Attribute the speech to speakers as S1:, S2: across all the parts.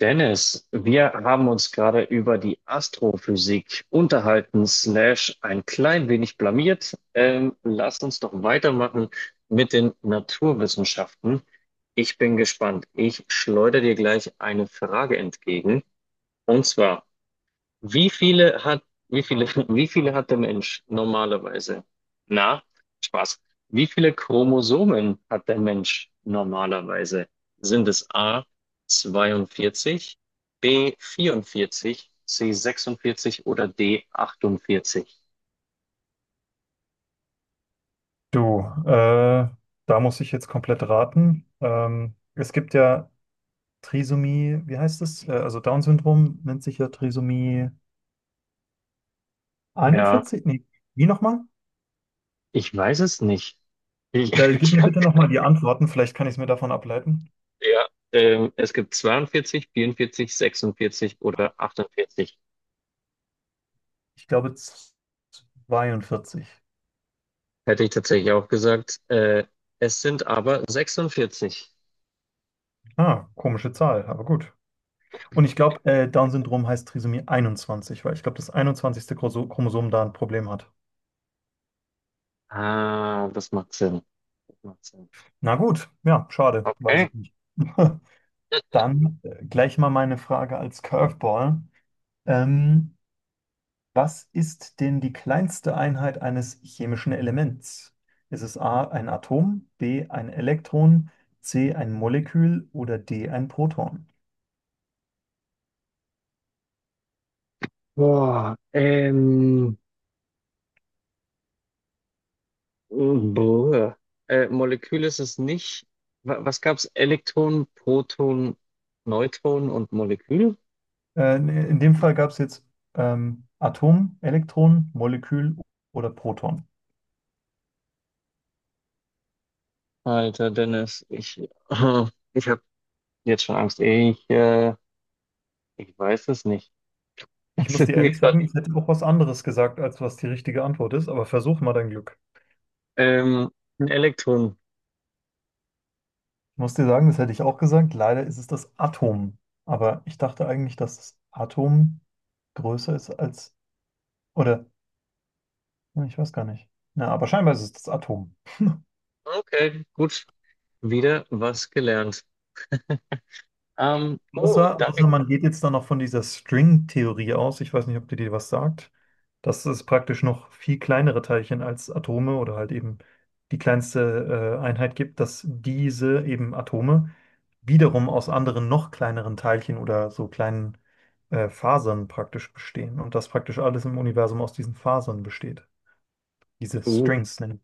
S1: Dennis, wir haben uns gerade über die Astrophysik unterhalten, slash ein klein wenig blamiert. Lass uns doch weitermachen mit den Naturwissenschaften. Ich bin gespannt. Ich schleudere dir gleich eine Frage entgegen. Und zwar, wie viele hat, wie viele, wie viele hat der Mensch normalerweise? Na, Spaß. Wie viele Chromosomen hat der Mensch normalerweise? Sind es A 42, B 44, C 46 oder D 48?
S2: Du, äh, da muss ich jetzt komplett raten. Es gibt ja Trisomie, wie heißt es? Also Down-Syndrom nennt sich ja Trisomie
S1: Ja,
S2: 41. Nee, wie nochmal?
S1: ich weiß es nicht.
S2: Da, gib
S1: Ich
S2: mir
S1: hab,
S2: bitte nochmal
S1: keine-
S2: die Antworten, vielleicht kann ich es mir davon ableiten.
S1: ja, es gibt 42, 44, 46 oder 48.
S2: Ich glaube z- 42.
S1: Hätte ich tatsächlich auch gesagt. Es sind aber 46.
S2: Ah, komische Zahl, aber gut. Und ich glaube, Down-Syndrom heißt Trisomie 21, weil ich glaube, das 21. Chromosom da ein Problem hat.
S1: Ah, das macht Sinn. Das macht Sinn.
S2: Na gut, ja, schade, weiß
S1: Okay.
S2: ich nicht. Dann gleich mal meine Frage als Curveball. Ähm, Was ist denn die kleinste Einheit eines chemischen Elements? Ist es A ein Atom, B ein Elektron, C ein Molekül oder D ein Proton?
S1: Boah, boah. Molekül ist es nicht. Was gab's? Elektron, Proton, Neutron und Molekül?
S2: In dem Fall gab es jetzt Atom, Elektron, Molekül oder Proton.
S1: Alter, Dennis, ich habe jetzt schon Angst. Ich weiß es nicht.
S2: Ich
S1: Es
S2: muss
S1: ist
S2: dir
S1: mir
S2: ehrlich
S1: grad,
S2: sagen, ich hätte auch was anderes gesagt, als was die richtige Antwort ist, aber versuch mal dein Glück.
S1: ähm, ein Elektron.
S2: Ich muss dir sagen, das hätte ich auch gesagt. Leider ist es das Atom. Aber ich dachte eigentlich, dass das Atom größer ist als, oder, ne, ich weiß gar nicht. Na, aber scheinbar ist es das Atom.
S1: Okay, gut. Wieder was gelernt. Oh,
S2: Außer
S1: danke.
S2: man geht jetzt dann noch von dieser String-Theorie aus. Ich weiß nicht, ob die dir was sagt. Das ist praktisch noch viel kleinere Teilchen als Atome oder halt eben die kleinste Einheit gibt, dass diese eben Atome wiederum aus anderen noch kleineren Teilchen oder so kleinen Fasern praktisch bestehen und dass praktisch alles im Universum aus diesen Fasern besteht. Diese
S1: Uh,
S2: Strings nennen.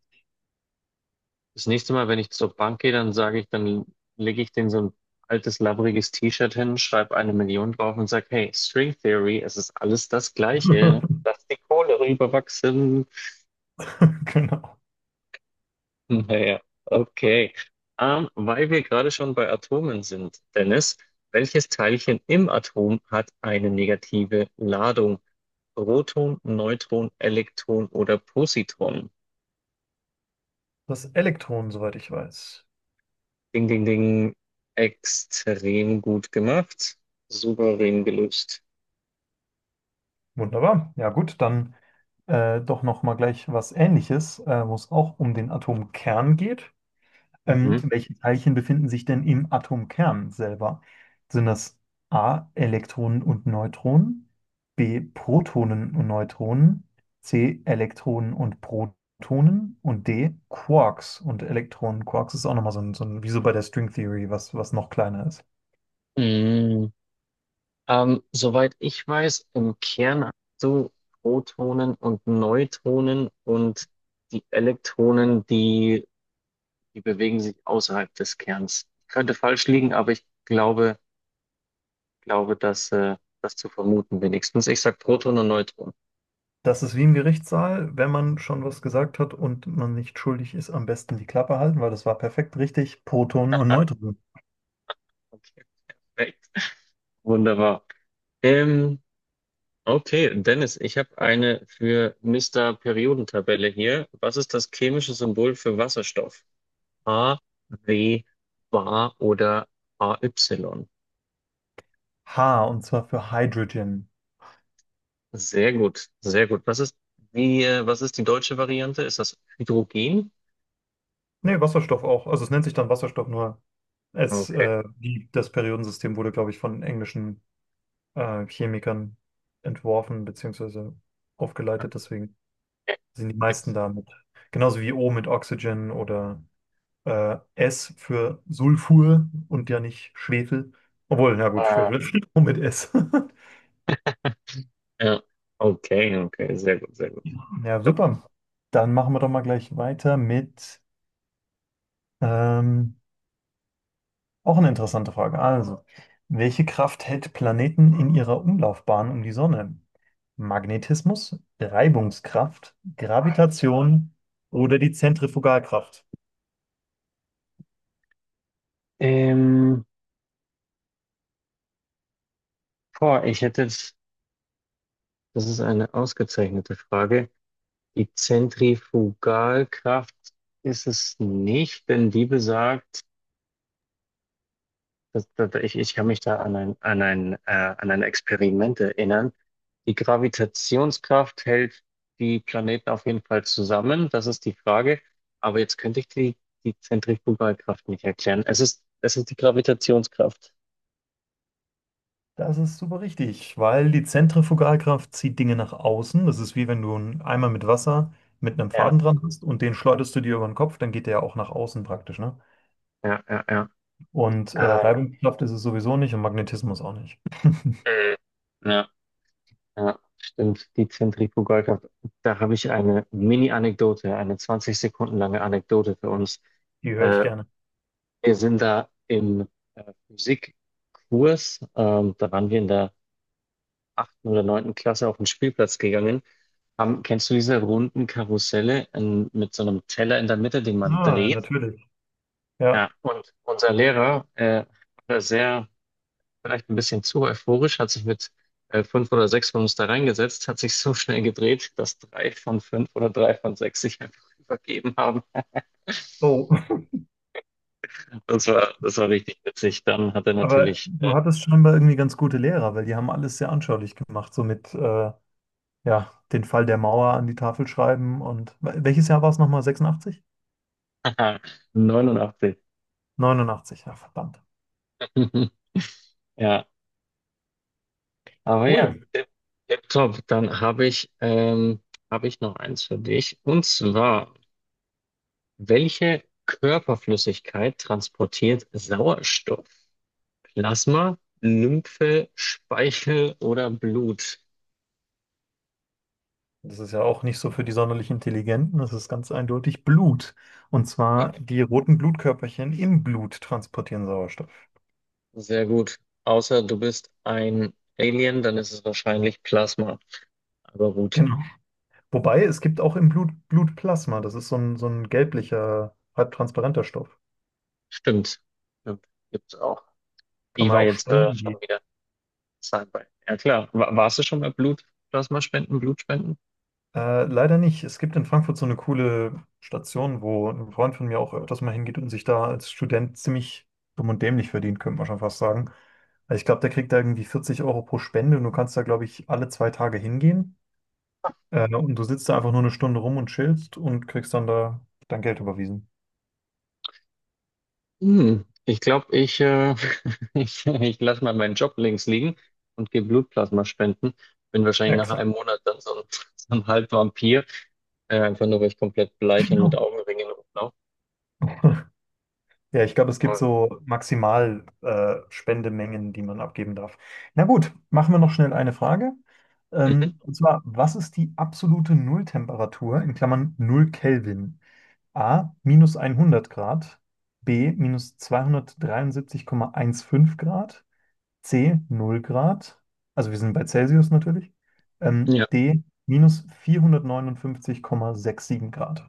S1: das nächste Mal, wenn ich zur Bank gehe, dann lege ich denen so ein altes, labbriges T-Shirt hin, schreibe eine Million drauf und sage, hey, String Theory, es ist alles das Gleiche. Lass die Kohle rüberwachsen.
S2: Genau.
S1: Naja, okay. Weil wir gerade schon bei Atomen sind, Dennis, welches Teilchen im Atom hat eine negative Ladung? Proton, Neutron, Elektron oder Positron?
S2: Das Elektron, soweit ich weiß.
S1: Ding, ding, ding. Extrem gut gemacht. Souverän gelöst.
S2: Wunderbar. Ja gut, dann doch noch mal gleich was Ähnliches, wo es auch um den Atomkern geht.
S1: Mhm.
S2: Welche Teilchen befinden sich denn im Atomkern selber? Sind das A, Elektronen und Neutronen, B, Protonen und Neutronen, C, Elektronen und Protonen und D, Quarks und Elektronen. Quarks ist auch nochmal so ein, wie so bei der String Theory, was noch kleiner ist.
S1: Mm. Soweit ich weiß, im Kern hast du Protonen und Neutronen und die Elektronen, die bewegen sich außerhalb des Kerns. Ich könnte falsch liegen, aber ich glaube, dass das zu vermuten wenigstens. Ich sag Proton und Neutron.
S2: Das ist wie im Gerichtssaal, wenn man schon was gesagt hat und man nicht schuldig ist, am besten die Klappe halten, weil das war perfekt richtig. Protonen und Neutronen.
S1: Okay, perfekt. Wunderbar. Ähm, Okay, Dennis, ich habe eine für Mister Periodentabelle hier. Was ist das chemische Symbol für Wasserstoff? A, W, Bar oder AY?
S2: H, und zwar für Hydrogen.
S1: Sehr gut, sehr gut. Was ist die deutsche Variante? Ist das Hydrogen?
S2: Nee, Wasserstoff auch. Also es nennt sich dann Wasserstoff, nur
S1: Okay.
S2: das Periodensystem wurde, glaube ich, von englischen Chemikern entworfen beziehungsweise aufgeleitet. Deswegen
S1: Ja,
S2: sind die meisten
S1: Gibt's.
S2: damit. Genauso wie O mit Oxygen oder S für Sulfur und ja nicht Schwefel. Obwohl, na gut,
S1: Ah,
S2: Schwefel steht auch mit S.
S1: ja. Okay, okay, sehr gut, sehr gut.
S2: Ja,
S1: Wunderbar.
S2: super. Dann machen wir doch mal gleich weiter mit ähm, auch eine interessante Frage. Also, welche Kraft hält Planeten in ihrer Umlaufbahn um die Sonne? Magnetismus, Reibungskraft, Gravitation oder die Zentrifugalkraft?
S1: Ähm, ich hätte jetzt, das ist eine ausgezeichnete Frage. Die Zentrifugalkraft ist es nicht, denn die besagt, ich kann mich da an an ein Experiment erinnern. Die Gravitationskraft hält die Planeten auf jeden Fall zusammen, das ist die Frage. Aber jetzt könnte ich die Zentrifugalkraft nicht erklären. Es ist die Gravitationskraft.
S2: Das ist super richtig, weil die Zentrifugalkraft zieht Dinge nach außen. Das ist wie wenn du einen Eimer mit Wasser mit einem
S1: Ja,
S2: Faden dran Mhm. hast und den schleuderst du dir über den Kopf, dann geht der ja auch nach außen praktisch, ne?
S1: ja, ja, ja.
S2: Und
S1: Ah,
S2: Reibungskraft ist es sowieso nicht und Magnetismus auch nicht.
S1: äh, ja. Ja, stimmt. Die Zentrifugalkraft. Da habe ich eine Mini-Anekdote, eine 20 Sekunden lange Anekdote für uns.
S2: Die höre ich
S1: Äh,
S2: gerne.
S1: wir sind da im Physikkurs, da waren wir in der achten oder neunten Klasse auf den Spielplatz gegangen. Haben, kennst du diese runden Karusselle in, mit so einem Teller in der Mitte, den man
S2: Ah,
S1: dreht?
S2: natürlich. Ja.
S1: Ja, und unser Lehrer hat da sehr vielleicht ein bisschen zu euphorisch, hat sich mit fünf oder sechs von uns da reingesetzt, hat sich so schnell gedreht, dass drei von fünf oder drei von sechs sich einfach übergeben haben.
S2: Oh,
S1: Das war richtig witzig. Dann hat er
S2: aber
S1: natürlich
S2: du hattest scheinbar irgendwie ganz gute Lehrer, weil die haben alles sehr anschaulich gemacht, so mit ja, den Fall der Mauer an die Tafel schreiben und welches Jahr war es nochmal? 86?
S1: äh, 89.
S2: 89, ja, verdammt.
S1: Ja, aber ja,
S2: Cool.
S1: tip top. Dann habe ich noch eins für dich. Und zwar, welche Körperflüssigkeit transportiert Sauerstoff? Plasma, Lymphe, Speichel oder Blut?
S2: Das ist ja auch nicht so für die sonderlich Intelligenten. Das ist ganz eindeutig Blut. Und zwar die roten Blutkörperchen im Blut transportieren Sauerstoff.
S1: Sehr gut. Außer du bist ein Alien, dann ist es wahrscheinlich Plasma. Aber gut,
S2: Genau. Wobei es gibt auch im Blut Blutplasma. Das ist so ein gelblicher, halb transparenter Stoff.
S1: stimmt. Stimmt. Gibt's auch.
S2: Kann
S1: Ich
S2: man
S1: war
S2: auch
S1: jetzt
S2: spenden
S1: schon
S2: gehen.
S1: wieder Sci-Fi. Ja klar. Warst du schon mal Blutplasma spenden, Blutspenden?
S2: Leider nicht. Es gibt in Frankfurt so eine coole Station, wo ein Freund von mir auch öfters mal hingeht und sich da als Student ziemlich dumm und dämlich verdient, könnte man schon fast sagen. Also ich glaube, der kriegt da irgendwie 40 Euro pro Spende und du kannst da, glaube ich, alle 2 Tage hingehen. Und du sitzt da einfach nur eine Stunde rum und chillst und kriegst dann da dein Geld überwiesen.
S1: Hm. Ich glaube, ich lasse mal meinen Job links liegen und gehe Blutplasma spenden. Bin wahrscheinlich nach
S2: Exakt.
S1: einem Monat dann so ein, so ein Halbvampir. Einfach nur, weil ich komplett bleich und mit
S2: Genau.
S1: Augenringen rumlaufe.
S2: Ja, ich glaube, es gibt so maximal Spendemengen, die man abgeben darf. Na gut, machen wir noch schnell eine Frage. Und zwar, was ist die absolute Nulltemperatur in Klammern null Kelvin? A, minus 100 Grad, B, minus 273,15 Grad, C null Grad, also wir sind bei Celsius natürlich,
S1: Ja.
S2: D minus 459,67 Grad.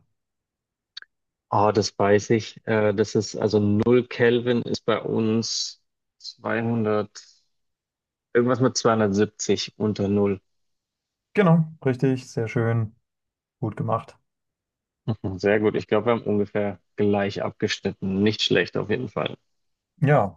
S1: Ah, das weiß ich. Das ist also null Kelvin ist bei uns 200, irgendwas mit 270 unter null.
S2: Genau, richtig, sehr schön, gut gemacht.
S1: Mhm. Sehr gut. Ich glaube, wir haben ungefähr gleich abgeschnitten. Nicht schlecht auf jeden Fall.
S2: Ja.